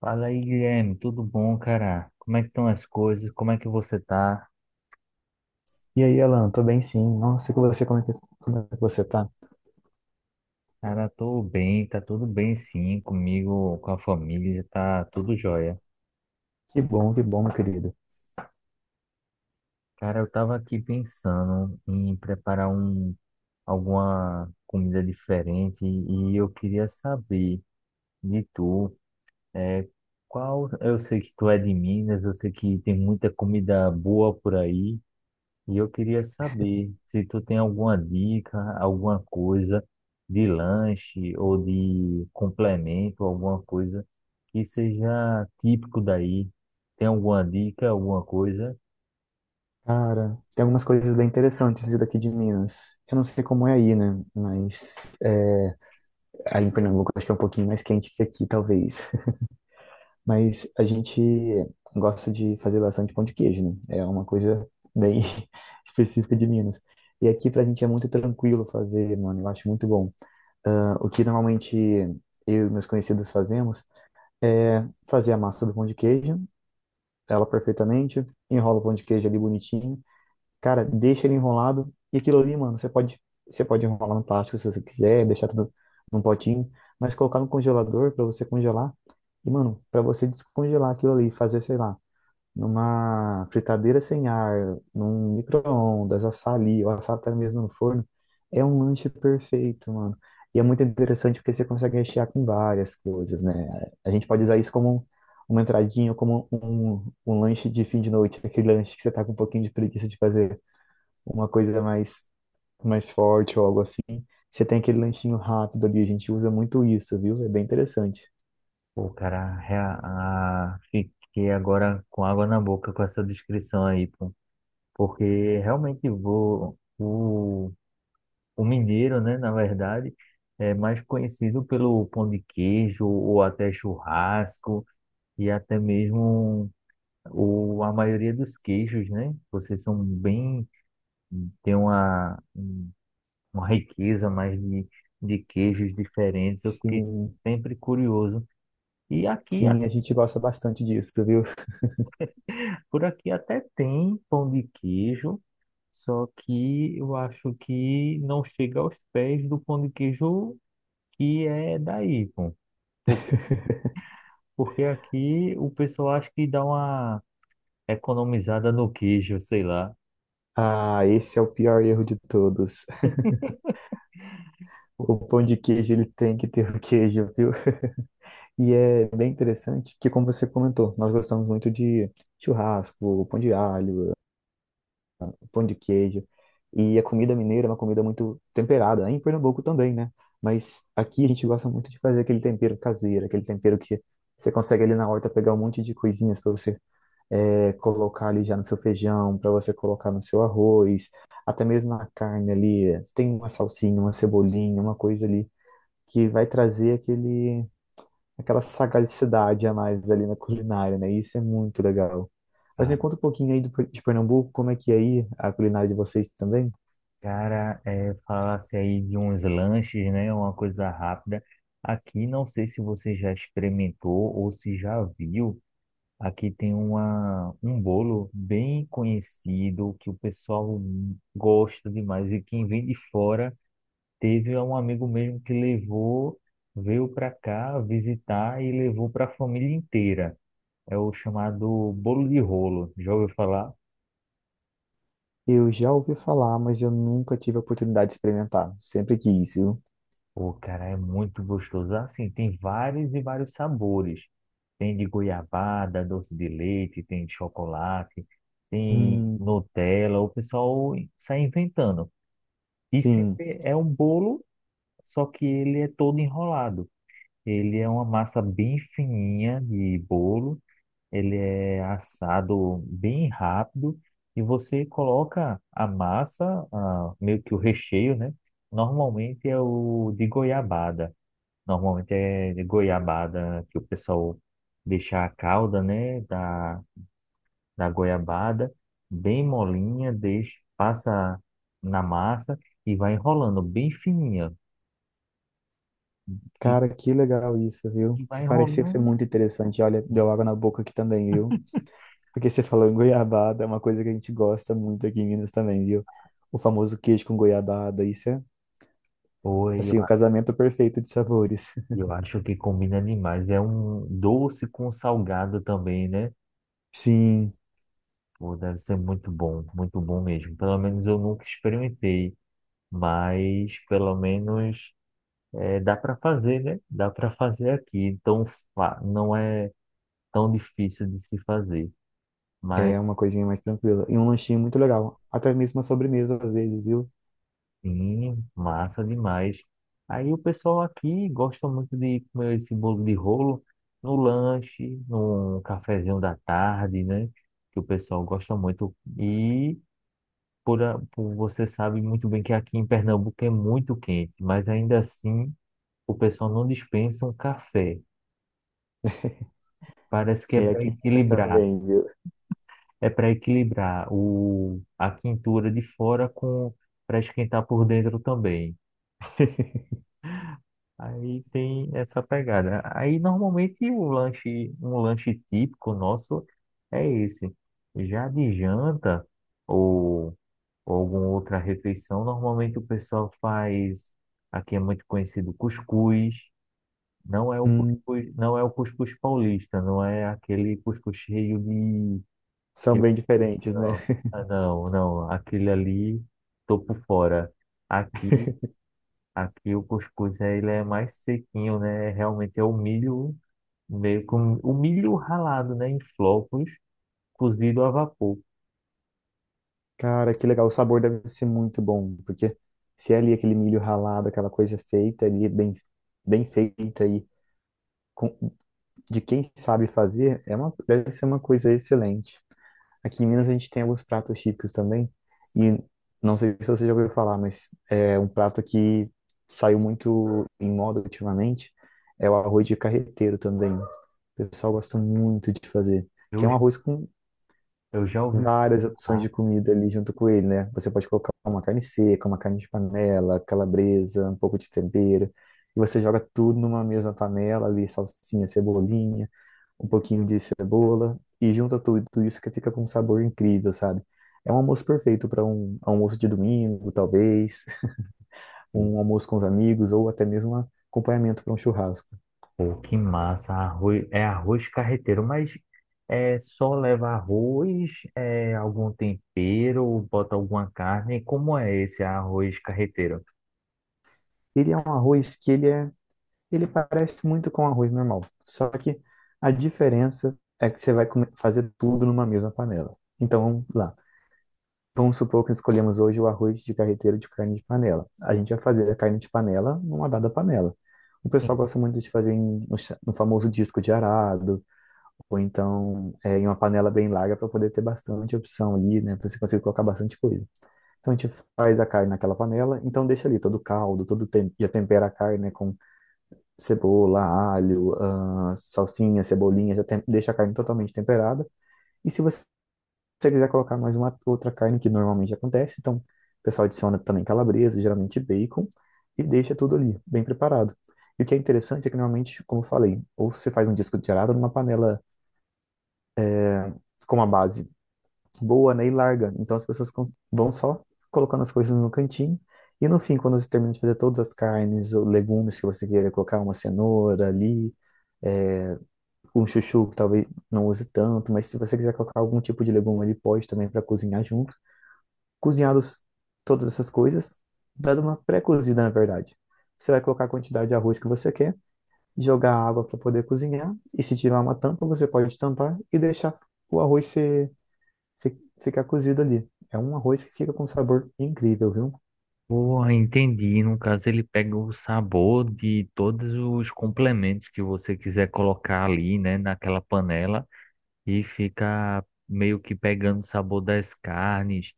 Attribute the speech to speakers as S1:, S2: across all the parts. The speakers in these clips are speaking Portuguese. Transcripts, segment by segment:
S1: Fala aí, Guilherme, tudo bom, cara? Como é que estão as coisas? Como é que você tá?
S2: E aí, Alan, tô bem sim. Nossa, e com você, como é que você tá?
S1: Cara, tô bem, tá tudo bem sim, comigo, com a família, tá tudo jóia.
S2: Que bom, meu querido.
S1: Cara, eu tava aqui pensando em preparar alguma comida diferente e eu queria saber de tu, é, qual, eu sei que tu é de Minas, eu sei que tem muita comida boa por aí. E eu queria saber se tu tem alguma dica, alguma coisa de lanche ou de complemento, alguma coisa que seja típico daí. Tem alguma dica, alguma coisa?
S2: Cara, tem algumas coisas bem interessantes de daqui de Minas. Eu não sei como é aí, né? Mas é, aí em Pernambuco acho que é um pouquinho mais quente que aqui, talvez. Mas a gente gosta de fazer bastante pão de queijo, né? É uma coisa bem específica de Minas. E aqui pra gente é muito tranquilo fazer, mano. Eu acho muito bom. Ah, o que normalmente eu e meus conhecidos fazemos é fazer a massa do pão de queijo ela perfeitamente, enrola o pão de queijo ali bonitinho. Cara, deixa ele enrolado. E aquilo ali, mano, você pode enrolar no plástico se você quiser, deixar tudo num potinho, mas colocar no congelador pra você congelar. E, mano, pra você descongelar aquilo ali, fazer, sei lá, numa fritadeira sem ar, num micro-ondas, assar ali, ou assar até mesmo no forno, é um lanche perfeito, mano. E é muito interessante porque você consegue rechear com várias coisas, né? A gente pode usar isso uma entradinha, como um lanche de fim de noite, aquele lanche que você tá com um pouquinho de preguiça de fazer uma coisa mais forte ou algo assim. Você tem aquele lanchinho rápido ali, a gente usa muito isso, viu? É bem interessante.
S1: Pô, cara, fiquei agora com água na boca com essa descrição aí, pô. Porque realmente o mineiro, né, na verdade, é mais conhecido pelo pão de queijo ou até churrasco e até mesmo a maioria dos queijos, né? Vocês são bem, tem uma riqueza mais de queijos diferentes. Eu fiquei
S2: Sim,
S1: sempre curioso. E aqui, a-
S2: sim, a gente gosta bastante disso, viu?
S1: por aqui até tem pão de queijo, só que eu acho que não chega aos pés do pão de queijo que é daí, pô. Porque, porque aqui o pessoal acha que dá uma economizada no queijo, sei lá.
S2: Ah, esse é o pior erro de todos. O pão de queijo, ele tem que ter o queijo, viu? E é bem interessante, porque como você comentou, nós gostamos muito de churrasco, pão de alho, pão de queijo. E a comida mineira é uma comida muito temperada, né? Em Pernambuco também, né? Mas aqui a gente gosta muito de fazer aquele tempero caseiro, aquele tempero que você consegue ali na horta pegar um monte de coisinhas para você colocar ali já no seu feijão, para você colocar no seu arroz, até mesmo na carne ali, tem uma salsinha, uma cebolinha, uma coisa ali que vai trazer aquela sagacidade a mais ali na culinária, né? Isso é muito legal. Mas me conta um pouquinho aí de Pernambuco, como é que é aí a culinária de vocês também?
S1: Cara, é, falasse aí de uns lanches, né? Uma coisa rápida. Aqui, não sei se você já experimentou ou se já viu. Aqui tem um bolo bem conhecido que o pessoal gosta demais. E quem vem de fora, teve é um amigo mesmo que levou, veio para cá visitar e levou para a família inteira. É o chamado bolo de rolo. Já ouviu falar?
S2: Eu já ouvi falar, mas eu nunca tive a oportunidade de experimentar. Sempre quis, viu?
S1: Pô, cara, é muito gostoso. Assim, tem vários e vários sabores. Tem de goiabada, doce de leite, tem de chocolate, tem
S2: Hum,
S1: Nutella. O pessoal sai inventando. E
S2: sim.
S1: sempre é um bolo, só que ele é todo enrolado. Ele é uma massa bem fininha de bolo. Ele é assado bem rápido. E você coloca a massa, ah, meio que o recheio, né? Normalmente é o de goiabada. Normalmente é de goiabada, que o pessoal deixa a calda, né, da goiabada bem molinha, deixa, passa na massa e vai enrolando bem fininha. E
S2: Cara, que legal isso, viu?
S1: e vai
S2: Porque parecia ser
S1: enrolando.
S2: muito interessante. Olha, deu água na boca aqui também, viu? Porque você falou em goiabada, é uma coisa que a gente gosta muito aqui em Minas também, viu? O famoso queijo com goiabada, isso é,
S1: Oi, eu,
S2: assim, o
S1: a-
S2: casamento perfeito de sabores.
S1: eu acho que combina demais. É um doce com salgado também, né?
S2: Sim,
S1: Pô, deve ser muito bom mesmo. Pelo menos eu nunca experimentei, mas pelo menos é, dá para fazer, né? Dá para fazer aqui. Então, não é tão difícil de se fazer. Mas
S2: é uma coisinha mais tranquila. E um lanchinho muito legal. Até mesmo uma sobremesa, às vezes, viu?
S1: sim, massa demais. Aí o pessoal aqui gosta muito de comer esse bolo de rolo no lanche, num cafezinho da tarde, né? Que o pessoal gosta muito. E por, você sabe muito bem que aqui em Pernambuco é muito quente, mas ainda assim o pessoal não dispensa um café. Parece que é
S2: É
S1: para
S2: aqui em Minas
S1: equilibrar.
S2: também, viu?
S1: É para equilibrar a quintura de fora com, para esquentar por dentro também. Aí tem essa pegada. Aí normalmente um lanche típico nosso é esse. Já de janta ou, ou alguma outra refeição, normalmente o pessoal faz, aqui é muito conhecido cuscuz. Não é o
S2: Hum,
S1: cuscuz, não é o cuscuz paulista, não é aquele cuscuz cheio de...
S2: são
S1: Aquele-
S2: bem diferentes, né?
S1: Não, ah, não, não. Aquele ali, tô por fora. Aqui, aqui o cuscuz ele é mais sequinho, né? Realmente é o milho, meio com o milho ralado, né? Em flocos, cozido a vapor.
S2: Cara, que legal. O sabor deve ser muito bom, porque se é ali aquele milho ralado, aquela coisa feita ali, bem, bem feita e com de quem sabe fazer deve ser uma coisa excelente. Aqui em Minas a gente tem alguns pratos típicos também, e não sei se você já ouviu falar, mas é um prato que saiu muito em moda ultimamente, é o arroz de carreteiro também. O pessoal gosta muito de fazer, que
S1: Eu,
S2: é um arroz com
S1: eu já ouvi
S2: várias opções
S1: falar.
S2: de comida ali junto com ele, né? Você pode colocar uma carne seca, uma carne de panela, calabresa, um pouco de tempero. E você joga tudo numa mesma panela ali, salsinha, cebolinha, um pouquinho de cebola e junta tudo, tudo isso que fica com um sabor incrível, sabe? É um almoço perfeito para um almoço de domingo, talvez, um almoço com os amigos ou até mesmo um acompanhamento para um churrasco.
S1: Pô, que massa, é arroz carreteiro, mas é só leva arroz, é algum tempero, bota alguma carne. Como é esse arroz carreteiro?
S2: Ele é um arroz que ele é Ele parece muito com arroz normal, só que a diferença é que você vai fazer tudo numa mesma panela. Então, vamos lá. Vamos supor que escolhemos hoje o arroz de carreteiro de carne de panela. A gente vai fazer a carne de panela numa dada panela. O pessoal gosta muito de fazer no famoso disco de arado, ou então em uma panela bem larga para poder ter bastante opção ali, né? Para você conseguir colocar bastante coisa. Então a gente faz a carne naquela panela, então deixa ali todo o caldo, já tempera a carne, né, com cebola, alho, salsinha, cebolinha, já deixa a carne totalmente temperada. E se você quiser colocar mais uma outra carne que normalmente acontece, então o pessoal adiciona também calabresa, geralmente bacon, e deixa tudo ali, bem preparado. E o que é interessante é que normalmente, como eu falei, ou você faz um disco de charada numa panela com uma base boa, né, e larga. Então as pessoas vão só colocando as coisas no cantinho. E no fim, quando você termina de fazer todas as carnes ou legumes que você queira colocar, uma cenoura ali, eh, um chuchu que talvez não use tanto, mas se você quiser colocar algum tipo de legume ali, pode também para cozinhar junto. Cozinhados todas essas coisas, dando uma pré-cozida, na verdade. Você vai colocar a quantidade de arroz que você quer, jogar água para poder cozinhar, e se tiver uma tampa, você pode tampar e deixar o arroz ficar cozido ali. É um arroz que fica com um sabor incrível, viu?
S1: Porra, entendi. No caso, ele pega o sabor de todos os complementos que você quiser colocar ali, né, naquela panela e fica meio que pegando o sabor das carnes,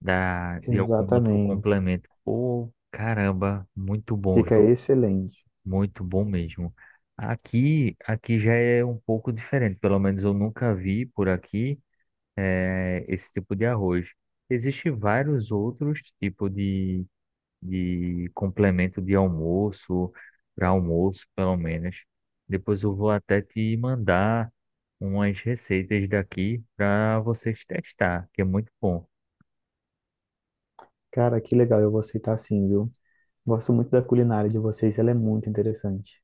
S1: de algum outro
S2: Exatamente.
S1: complemento. Pô, caramba, muito bom,
S2: Fica
S1: viu?
S2: excelente.
S1: Muito bom mesmo. Aqui já é um pouco diferente. Pelo menos eu nunca vi por aqui, esse tipo de arroz. Existem vários outros tipos de complemento de almoço, para almoço, pelo menos. Depois eu vou até te mandar umas receitas daqui para vocês testar, que é muito bom.
S2: Cara, que legal, eu vou aceitar sim, viu? Gosto muito da culinária de vocês, ela é muito interessante.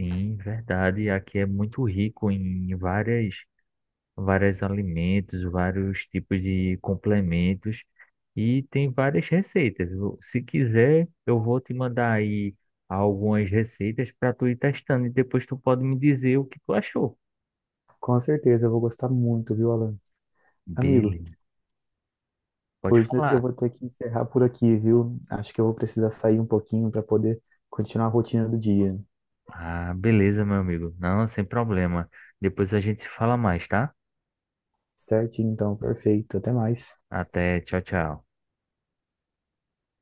S1: Sim, verdade, aqui é muito rico em várias, vários alimentos, vários tipos de complementos e tem várias receitas. Se quiser, eu vou te mandar aí algumas receitas para tu ir testando e depois tu pode me dizer o que tu achou.
S2: Com certeza, eu vou gostar muito, viu, Alan? Amigo,
S1: Beleza. Pode
S2: hoje eu
S1: falar.
S2: vou ter que encerrar por aqui, viu? Acho que eu vou precisar sair um pouquinho para poder continuar a rotina do dia.
S1: Ah, beleza, meu amigo. Não, sem problema. Depois a gente se fala mais, tá?
S2: Certinho, então, perfeito. Até mais.
S1: Até, tchau, tchau.